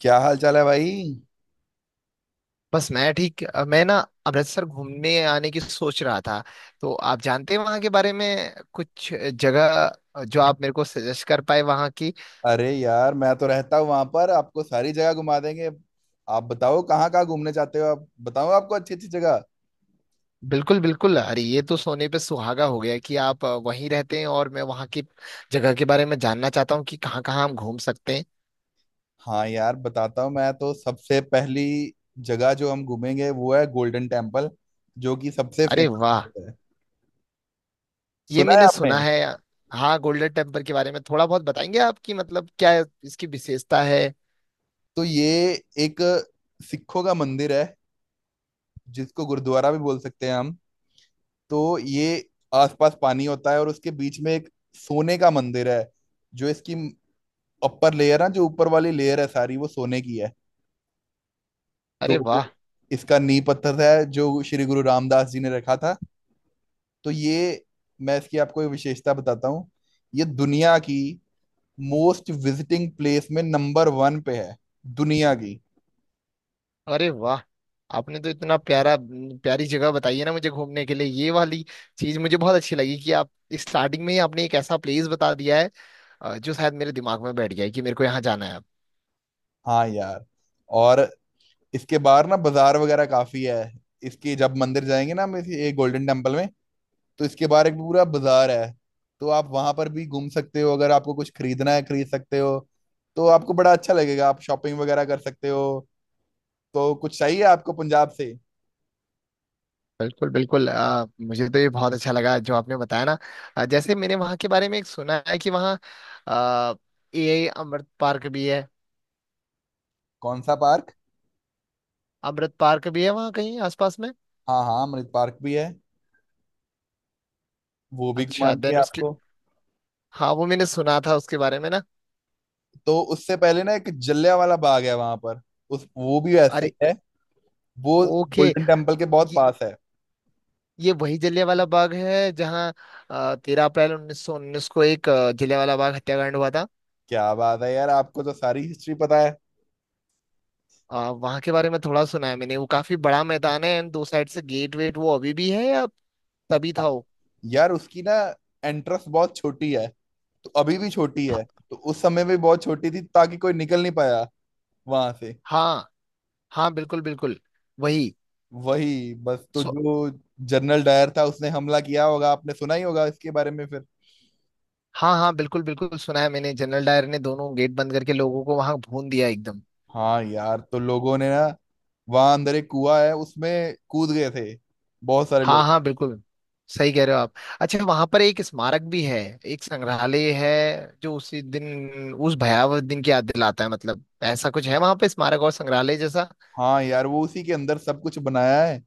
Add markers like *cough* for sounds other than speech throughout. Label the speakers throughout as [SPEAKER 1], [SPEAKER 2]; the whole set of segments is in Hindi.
[SPEAKER 1] क्या हाल चाल है भाई।
[SPEAKER 2] बस मैं ठीक मैं ना अमृतसर घूमने आने की सोच रहा था। तो आप जानते हैं वहाँ के बारे में कुछ जगह जो आप मेरे को सजेस्ट कर पाए वहाँ की।
[SPEAKER 1] अरे यार मैं तो रहता हूँ वहां पर, आपको सारी जगह घुमा देंगे। आप बताओ कहाँ कहाँ घूमने चाहते हो, आप बताओ, आपको अच्छी अच्छी जगह।
[SPEAKER 2] बिल्कुल बिल्कुल। अरे ये तो सोने पे सुहागा हो गया कि आप वहीं रहते हैं और मैं वहाँ की जगह के बारे में जानना चाहता हूँ कि कहाँ कहाँ हम घूम सकते हैं।
[SPEAKER 1] हाँ यार बताता हूँ। मैं तो सबसे पहली जगह जो हम घूमेंगे वो है गोल्डन टेम्पल, जो कि सबसे
[SPEAKER 2] अरे
[SPEAKER 1] फेमस
[SPEAKER 2] वाह।
[SPEAKER 1] है।
[SPEAKER 2] ये
[SPEAKER 1] सुना है
[SPEAKER 2] मैंने
[SPEAKER 1] आपने।
[SPEAKER 2] सुना है। हाँ। गोल्डन टेम्पल के बारे में थोड़ा बहुत बताएंगे आपकी मतलब क्या इसकी विशेषता है?
[SPEAKER 1] तो ये एक सिखों का मंदिर है, जिसको गुरुद्वारा भी बोल सकते हैं हम। तो ये आसपास पानी होता है और उसके बीच में एक सोने का मंदिर है। जो इसकी अपर लेयर ना, जो ऊपर वाली लेयर है सारी, वो सोने की है।
[SPEAKER 2] अरे वाह।
[SPEAKER 1] तो इसका नींव पत्थर है जो श्री गुरु रामदास जी ने रखा था। तो ये, मैं इसकी आपको एक विशेषता बताता हूँ। ये दुनिया की मोस्ट विजिटिंग प्लेस में नंबर वन पे है, दुनिया की।
[SPEAKER 2] अरे वाह। आपने तो इतना प्यारा प्यारी जगह बताई है ना मुझे घूमने के लिए। ये वाली चीज मुझे बहुत अच्छी लगी कि आप स्टार्टिंग में ही आपने एक ऐसा प्लेस बता दिया है जो शायद मेरे दिमाग में बैठ गया है कि मेरे को यहाँ जाना है।
[SPEAKER 1] हाँ यार। और इसके बाहर ना बाजार वगैरह काफी है। इसकी जब मंदिर जाएंगे ना हम इस ये गोल्डन टेम्पल में, तो इसके बारे में पूरा बाजार है। तो आप वहां पर भी घूम सकते हो, अगर आपको कुछ खरीदना है खरीद सकते हो। तो आपको बड़ा अच्छा लगेगा, आप शॉपिंग वगैरह कर सकते हो। तो कुछ चाहिए आपको पंजाब से?
[SPEAKER 2] बिल्कुल बिल्कुल। मुझे तो ये बहुत अच्छा लगा जो आपने बताया ना। जैसे मैंने वहाँ के बारे में एक सुना है कि वहाँ ए अमृत पार्क भी है।
[SPEAKER 1] कौन सा पार्क?
[SPEAKER 2] अमृत पार्क भी है वहाँ कहीं आसपास में।
[SPEAKER 1] हाँ हाँ, अमृत पार्क भी है, वो भी घुमा
[SPEAKER 2] अच्छा
[SPEAKER 1] देंगे
[SPEAKER 2] देन उसके।
[SPEAKER 1] आपको।
[SPEAKER 2] हाँ वो मैंने सुना था उसके बारे में ना।
[SPEAKER 1] तो उससे पहले ना एक जलिया वाला बाग है वहां पर। उस, वो भी ऐसा ही
[SPEAKER 2] अरे।
[SPEAKER 1] है। वो
[SPEAKER 2] ओके।
[SPEAKER 1] गोल्डन टेम्पल के बहुत पास है।
[SPEAKER 2] ये वही जलियांवाला बाग है जहाँ 13 अप्रैल 1919 को एक जलियांवाला बाग हत्याकांड हुआ था।
[SPEAKER 1] क्या बात है यार, आपको तो सारी हिस्ट्री पता है।
[SPEAKER 2] वहां के बारे में थोड़ा सुना है मैंने। वो काफी बड़ा मैदान है एंड दो साइड से गेट वेट वो अभी भी है या तभी था
[SPEAKER 1] हाँ
[SPEAKER 2] वो?
[SPEAKER 1] यार, उसकी ना एंट्रेंस बहुत छोटी है, तो अभी भी छोटी
[SPEAKER 2] ह-
[SPEAKER 1] है। तो उस समय भी बहुत छोटी थी ताकि कोई निकल नहीं पाया वहां से।
[SPEAKER 2] हाँ हाँ बिल्कुल बिल्कुल। वही।
[SPEAKER 1] वही बस। तो
[SPEAKER 2] सो।
[SPEAKER 1] जो जनरल डायर था उसने हमला किया होगा, आपने सुना ही होगा इसके बारे में फिर।
[SPEAKER 2] हाँ हाँ बिल्कुल बिल्कुल सुना है मैंने। जनरल डायर ने दोनों गेट बंद करके लोगों को वहां भून दिया एकदम।
[SPEAKER 1] हाँ यार, तो लोगों ने ना वहां अंदर एक कुआ है, उसमें कूद गए थे बहुत सारे
[SPEAKER 2] हाँ
[SPEAKER 1] लोग।
[SPEAKER 2] हाँ बिल्कुल। सही कह रहे हो आप। अच्छा वहां पर एक स्मारक भी है। एक संग्रहालय है जो उसी दिन उस भयावह दिन की याद दिलाता है मतलब। ऐसा कुछ है वहां पे स्मारक और संग्रहालय जैसा?
[SPEAKER 1] हाँ यार, वो उसी के अंदर सब कुछ बनाया है।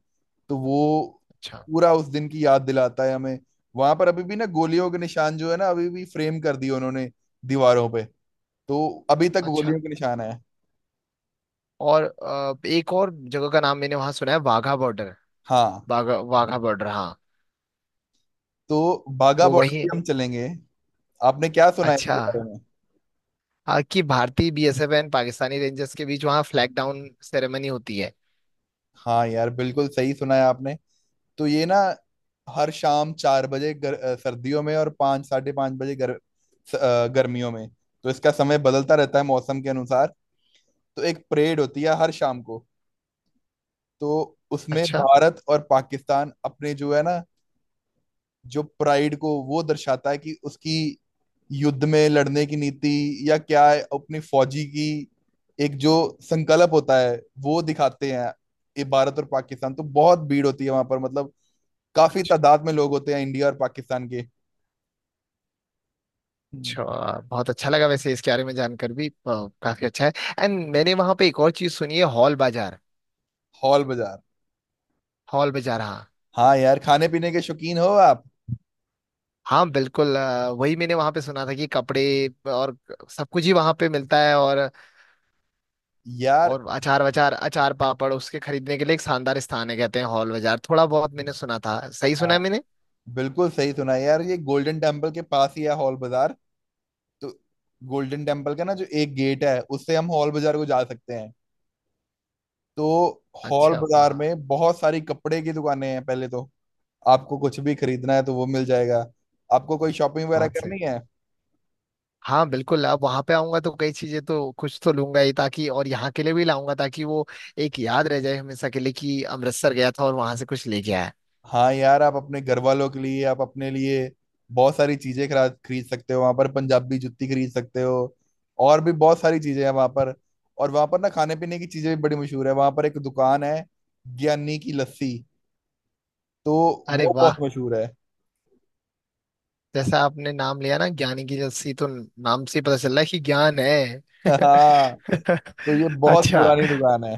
[SPEAKER 1] तो वो
[SPEAKER 2] अच्छा।
[SPEAKER 1] पूरा उस दिन की याद दिलाता है हमें। वहां पर अभी भी ना गोलियों के निशान जो है ना, अभी भी फ्रेम कर दिए उन्होंने दीवारों पे। तो अभी तक
[SPEAKER 2] अच्छा
[SPEAKER 1] गोलियों के निशान है।
[SPEAKER 2] और एक और जगह का नाम मैंने वहां सुना है वाघा बॉर्डर।
[SPEAKER 1] हाँ।
[SPEAKER 2] वाघा वाघा बॉर्डर हाँ।
[SPEAKER 1] तो बाघा
[SPEAKER 2] वो
[SPEAKER 1] बॉर्डर
[SPEAKER 2] वही
[SPEAKER 1] भी
[SPEAKER 2] है।
[SPEAKER 1] हम चलेंगे। आपने क्या सुना है
[SPEAKER 2] अच्छा।
[SPEAKER 1] इसके बारे में?
[SPEAKER 2] हाँ कि भारतीय बीएसएफ एंड पाकिस्तानी रेंजर्स के बीच वहाँ फ्लैग डाउन सेरेमनी होती है।
[SPEAKER 1] हाँ यार, बिल्कुल सही सुना है आपने। तो ये ना हर शाम चार बजे सर्दियों में, और पाँच साढ़े पाँच बजे गर्मियों में। तो इसका समय बदलता रहता है मौसम के अनुसार। तो एक परेड होती है हर शाम को। तो उसमें
[SPEAKER 2] अच्छा।
[SPEAKER 1] भारत और पाकिस्तान अपने, जो है ना, जो प्राइड को वो दर्शाता है, कि उसकी युद्ध में लड़ने की नीति या क्या है, अपनी फौजी की एक जो संकल्प होता है वो दिखाते हैं। ये भारत और पाकिस्तान, तो बहुत भीड़ होती है वहां पर, मतलब काफी
[SPEAKER 2] अच्छा।
[SPEAKER 1] तादाद में लोग होते हैं इंडिया और पाकिस्तान के।
[SPEAKER 2] अच्छा। बहुत अच्छा लगा वैसे इसके बारे में जानकर भी काफी अच्छा है। एंड मैंने वहां पे एक और चीज सुनी है हॉल बाजार।
[SPEAKER 1] हॉल बाजार,
[SPEAKER 2] हॉल बाजार हाँ।
[SPEAKER 1] हाँ यार, खाने पीने के शौकीन हो आप।
[SPEAKER 2] हाँ बिल्कुल वही मैंने वहां पे सुना था कि कपड़े और सब कुछ ही वहां पे मिलता है। और
[SPEAKER 1] यार
[SPEAKER 2] और अचार वचार अचार पापड़ उसके खरीदने के लिए एक शानदार स्थान है कहते हैं हॉल बाजार। थोड़ा बहुत मैंने सुना था सही सुना है
[SPEAKER 1] हाँ,
[SPEAKER 2] मैंने।
[SPEAKER 1] बिल्कुल सही सुना है यार, ये गोल्डन टेम्पल के पास ही है हॉल बाजार। तो गोल्डन टेम्पल का ना जो एक गेट है, उससे हम हॉल बाजार को जा सकते हैं। तो हॉल
[SPEAKER 2] अच्छा वाह।
[SPEAKER 1] बाजार में बहुत सारी कपड़े की दुकानें हैं पहले तो। आपको कुछ भी खरीदना है तो वो मिल जाएगा। आपको कोई शॉपिंग वगैरह
[SPEAKER 2] बहुत सही।
[SPEAKER 1] करनी है।
[SPEAKER 2] हाँ बिल्कुल। अब वहां पे आऊंगा तो कई चीजें तो कुछ तो लूंगा ही ताकि और यहाँ के लिए भी लाऊंगा ताकि वो एक याद रह जाए हमेशा के लिए कि अमृतसर गया था और वहां से कुछ लेके आया।
[SPEAKER 1] हाँ यार, आप अपने घर वालों के लिए, आप अपने लिए बहुत सारी चीजें खरा खरीद सकते हो वहां पर, पंजाबी जुत्ती खरीद सकते हो, और भी बहुत सारी चीजें हैं वहां पर। और वहां पर ना खाने पीने की चीजें भी बड़ी मशहूर है, वहां पर एक दुकान है ज्ञानी की लस्सी, तो
[SPEAKER 2] अरे
[SPEAKER 1] वो बहुत
[SPEAKER 2] वाह।
[SPEAKER 1] मशहूर है।
[SPEAKER 2] जैसा आपने नाम लिया ना ज्ञानी की लस्सी तो नाम से ही पता चल रहा है कि ज्ञान है।
[SPEAKER 1] *laughs* हाँ।
[SPEAKER 2] *laughs*
[SPEAKER 1] तो ये बहुत
[SPEAKER 2] अच्छा।
[SPEAKER 1] पुरानी दुकान है।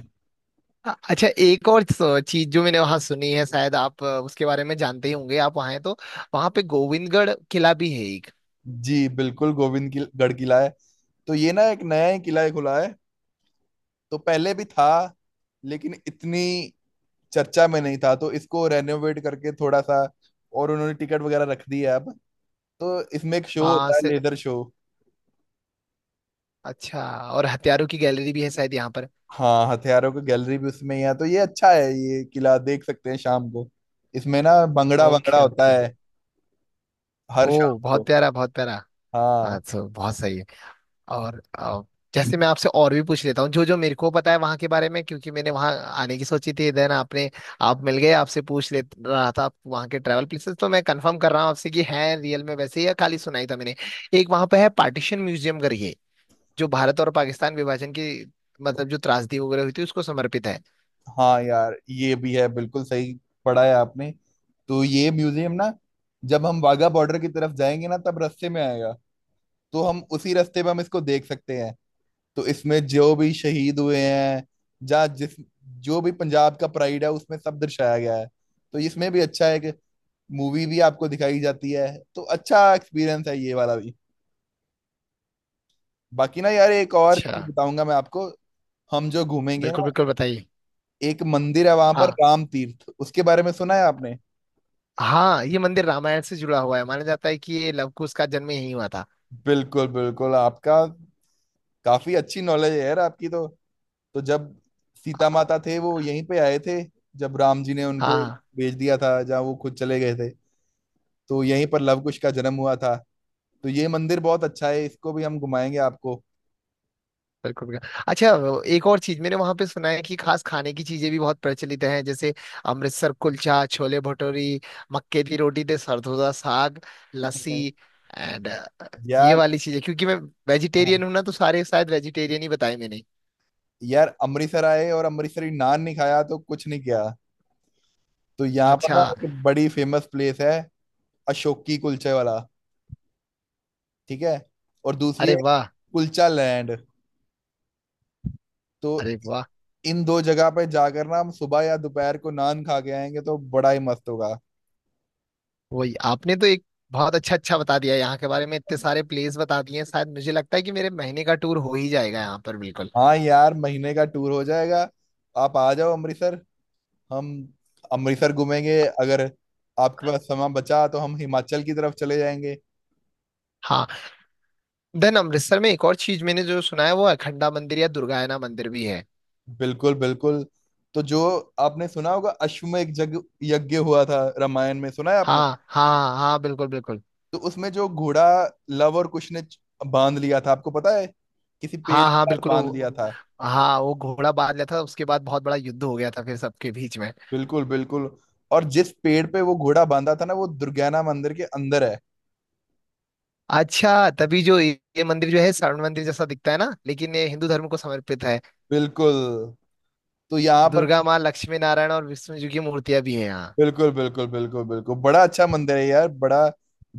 [SPEAKER 2] अच्छा एक और चीज जो मैंने वहां सुनी है शायद आप उसके बारे में जानते ही होंगे आप वहां हैं तो। वहां पे गोविंदगढ़ किला भी है एक।
[SPEAKER 1] जी बिल्कुल, गोविंद की गढ़ किला है। तो ये ना एक नया ही किला ही खुला है, तो पहले भी था, लेकिन इतनी चर्चा में नहीं था, तो इसको रेनोवेट करके थोड़ा सा और उन्होंने टिकट वगैरह रख दी है अब। तो इसमें एक शो
[SPEAKER 2] हाँ
[SPEAKER 1] होता है,
[SPEAKER 2] से।
[SPEAKER 1] Laser show.
[SPEAKER 2] अच्छा। और हथियारों की गैलरी भी है शायद यहाँ पर।
[SPEAKER 1] हाँ, हथियारों की गैलरी भी उसमें ही है, तो ये अच्छा है, ये किला देख सकते हैं शाम को। इसमें ना भंगड़ा वंगड़ा
[SPEAKER 2] ओके
[SPEAKER 1] होता
[SPEAKER 2] ओके।
[SPEAKER 1] है हर शाम
[SPEAKER 2] ओ
[SPEAKER 1] को।
[SPEAKER 2] बहुत प्यारा बहुत प्यारा। हाँ
[SPEAKER 1] हाँ
[SPEAKER 2] तो बहुत सही है। और जैसे मैं आपसे और भी पूछ लेता हूँ जो जो मेरे को पता है वहाँ के बारे में क्योंकि मैंने वहाँ आने की सोची थी। देन आपने आप मिल गए आपसे पूछ ले रहा था वहाँ के ट्रैवल प्लेसेस। तो मैं कंफर्म कर रहा हूँ आपसे कि है रियल में वैसे ही या खाली सुनाई था मैंने। एक वहाँ पे है पार्टीशन म्यूजियम करके जो भारत और पाकिस्तान विभाजन की मतलब जो त्रासदी वगैरह हुई थी उसको समर्पित है।
[SPEAKER 1] हाँ यार, ये भी है बिल्कुल सही, पढ़ा है आपने। तो ये म्यूजियम ना, जब हम वाघा बॉर्डर की तरफ जाएंगे ना, तब रास्ते में आएगा। तो हम उसी रास्ते में हम इसको देख सकते हैं। तो इसमें जो भी शहीद हुए हैं, जहाँ जिस, जो भी पंजाब का प्राइड है उसमें सब दर्शाया गया है। तो इसमें भी अच्छा है कि मूवी भी आपको दिखाई जाती है। तो अच्छा एक्सपीरियंस है ये वाला भी। बाकी ना यार एक और चीज
[SPEAKER 2] अच्छा।
[SPEAKER 1] बताऊंगा मैं आपको, हम जो घूमेंगे
[SPEAKER 2] बिल्कुल
[SPEAKER 1] ना,
[SPEAKER 2] बिल्कुल बताइए।
[SPEAKER 1] एक मंदिर है वहां पर,
[SPEAKER 2] हाँ।
[SPEAKER 1] राम तीर्थ, उसके बारे में सुना है आपने?
[SPEAKER 2] हाँ ये मंदिर रामायण से जुड़ा हुआ है माना जाता है कि ये लव कुश का जन्म यहीं हुआ था।
[SPEAKER 1] बिल्कुल बिल्कुल। आपका, काफी अच्छी नॉलेज है यार आपकी तो। तो जब सीता माता थे, वो यहीं पे आए थे, जब राम जी ने उनको
[SPEAKER 2] हाँ
[SPEAKER 1] भेज दिया था, जहाँ वो खुद चले गए थे, तो यहीं पर लवकुश का जन्म हुआ था। तो ये मंदिर बहुत अच्छा है, इसको भी हम घुमाएंगे आपको।
[SPEAKER 2] बिल्कुल बिल्कुल। अच्छा वो एक और चीज मैंने वहां पे सुना है कि खास खाने की चीजें भी बहुत प्रचलित हैं जैसे अमृतसर कुलचा छोले भटूरी मक्के दी रोटी ते सरदोजा साग लस्सी।
[SPEAKER 1] बिल्कुल
[SPEAKER 2] एंड ये
[SPEAKER 1] यार।
[SPEAKER 2] वाली चीजें क्योंकि मैं वेजिटेरियन
[SPEAKER 1] हाँ।
[SPEAKER 2] हूं ना तो सारे शायद वेजिटेरियन ही बताए मैंने।
[SPEAKER 1] यार अमृतसर आए और अमृतसरी नान नहीं खाया तो कुछ नहीं किया। तो यहाँ पर
[SPEAKER 2] अच्छा।
[SPEAKER 1] ना एक बड़ी फेमस प्लेस है, अशोक की कुलचे वाला, ठीक है? और दूसरी है,
[SPEAKER 2] अरे वाह।
[SPEAKER 1] कुलचा लैंड। तो
[SPEAKER 2] अरे वाह।
[SPEAKER 1] इन दो जगह पे जाकर ना हम सुबह या दोपहर को नान खा के आएंगे तो बड़ा ही मस्त होगा।
[SPEAKER 2] वही आपने तो एक बहुत अच्छा अच्छा बता दिया यहाँ के बारे में इतने सारे प्लेस बता दिए हैं शायद। मुझे लगता है कि मेरे महीने का टूर हो ही जाएगा यहाँ पर बिल्कुल।
[SPEAKER 1] हाँ यार, महीने का टूर हो जाएगा, आप आ जाओ अमृतसर, हम अमृतसर घूमेंगे, अगर आपके पास समय बचा तो हम हिमाचल की तरफ चले जाएंगे।
[SPEAKER 2] हाँ। देन अमृतसर में एक और चीज मैंने जो सुना है वो अखंडा मंदिर या दुर्गायना मंदिर भी है।
[SPEAKER 1] बिल्कुल बिल्कुल। तो जो आपने सुना होगा, अश्वमेध यज्ञ, हुआ था रामायण में, सुना है आपने?
[SPEAKER 2] हाँ हाँ हाँ बिल्कुल बिल्कुल।
[SPEAKER 1] तो उसमें जो घोड़ा लव और कुश ने बांध लिया था, आपको पता है, किसी पेड़
[SPEAKER 2] हाँ
[SPEAKER 1] के
[SPEAKER 2] हाँ
[SPEAKER 1] साथ
[SPEAKER 2] बिल्कुल
[SPEAKER 1] बांध लिया था।
[SPEAKER 2] हाँ वो घोड़ा बांध लिया था उसके बाद बहुत बड़ा युद्ध हो गया था फिर सबके बीच में।
[SPEAKER 1] बिल्कुल बिल्कुल। और जिस पेड़ पे वो घोड़ा बांधा था ना, वो दुर्गाना मंदिर के अंदर है।
[SPEAKER 2] अच्छा तभी जो ये मंदिर जो है स्वर्ण मंदिर जैसा दिखता है ना लेकिन ये हिंदू धर्म को समर्पित है।
[SPEAKER 1] बिल्कुल। तो यहाँ पर,
[SPEAKER 2] दुर्गा माँ लक्ष्मी नारायण और विष्णु जी की मूर्तियां भी है यहाँ।
[SPEAKER 1] बिल्कुल बिल्कुल बिल्कुल बिल्कुल, बड़ा अच्छा मंदिर है यार, बड़ा।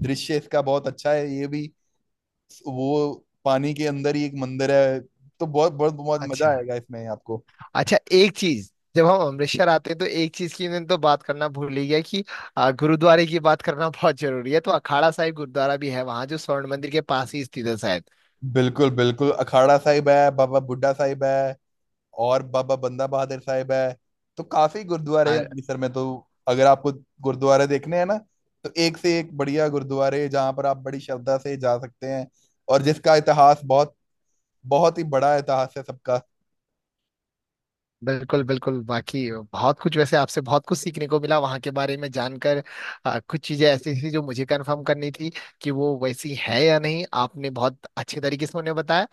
[SPEAKER 1] दृश्य इसका बहुत अच्छा है ये भी। वो पानी के अंदर ही एक मंदिर है। तो बहुत बहुत बहुत मजा
[SPEAKER 2] अच्छा।
[SPEAKER 1] आएगा इसमें आपको।
[SPEAKER 2] अच्छा एक चीज जब हम अमृतसर आते हैं तो एक चीज की मैंने तो बात करना भूल ही गया कि गुरुद्वारे की बात करना *laughs* बहुत जरूरी है। तो अखाड़ा साहिब गुरुद्वारा भी है वहां जो स्वर्ण मंदिर के पास ही स्थित है शायद।
[SPEAKER 1] बिल्कुल बिल्कुल, अखाड़ा साहिब है, बाबा बुड्ढा साहिब है, और बाबा बंदा बहादुर साहिब है। तो काफी गुरुद्वारे हैं अमृतसर में, तो अगर आपको गुरुद्वारे देखने हैं ना, तो एक से एक बढ़िया गुरुद्वारे, जहाँ पर आप बड़ी श्रद्धा से जा सकते हैं, और जिसका इतिहास बहुत, बहुत ही बड़ा इतिहास है सबका।
[SPEAKER 2] बिल्कुल बिल्कुल। बाकी बहुत कुछ वैसे आपसे बहुत कुछ सीखने को मिला वहां के बारे में जानकर। कुछ चीजें ऐसी थी जो मुझे कंफर्म करनी थी कि वो वैसी है या नहीं। आपने बहुत अच्छे तरीके से उन्हें बताया।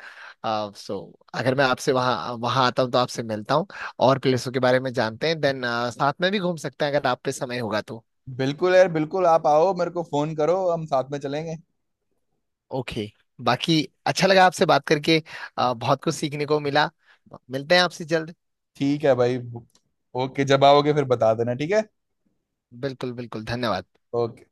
[SPEAKER 2] सो अगर मैं आपसे वहाँ वहाँ आता हूँ तो आपसे मिलता हूँ और प्लेसों के बारे में जानते हैं। देन साथ में भी घूम सकते हैं अगर आप पे समय होगा तो।
[SPEAKER 1] बिल्कुल यार बिल्कुल, आप आओ, मेरे को फोन करो, हम साथ में चलेंगे।
[SPEAKER 2] ओके। बाकी अच्छा लगा आपसे बात करके। बहुत कुछ सीखने को मिला। मिलते हैं आपसे जल्द।
[SPEAKER 1] ठीक है भाई। ओके, जब आओगे फिर बता देना, ठीक है?
[SPEAKER 2] बिल्कुल बिल्कुल। धन्यवाद।
[SPEAKER 1] ओके।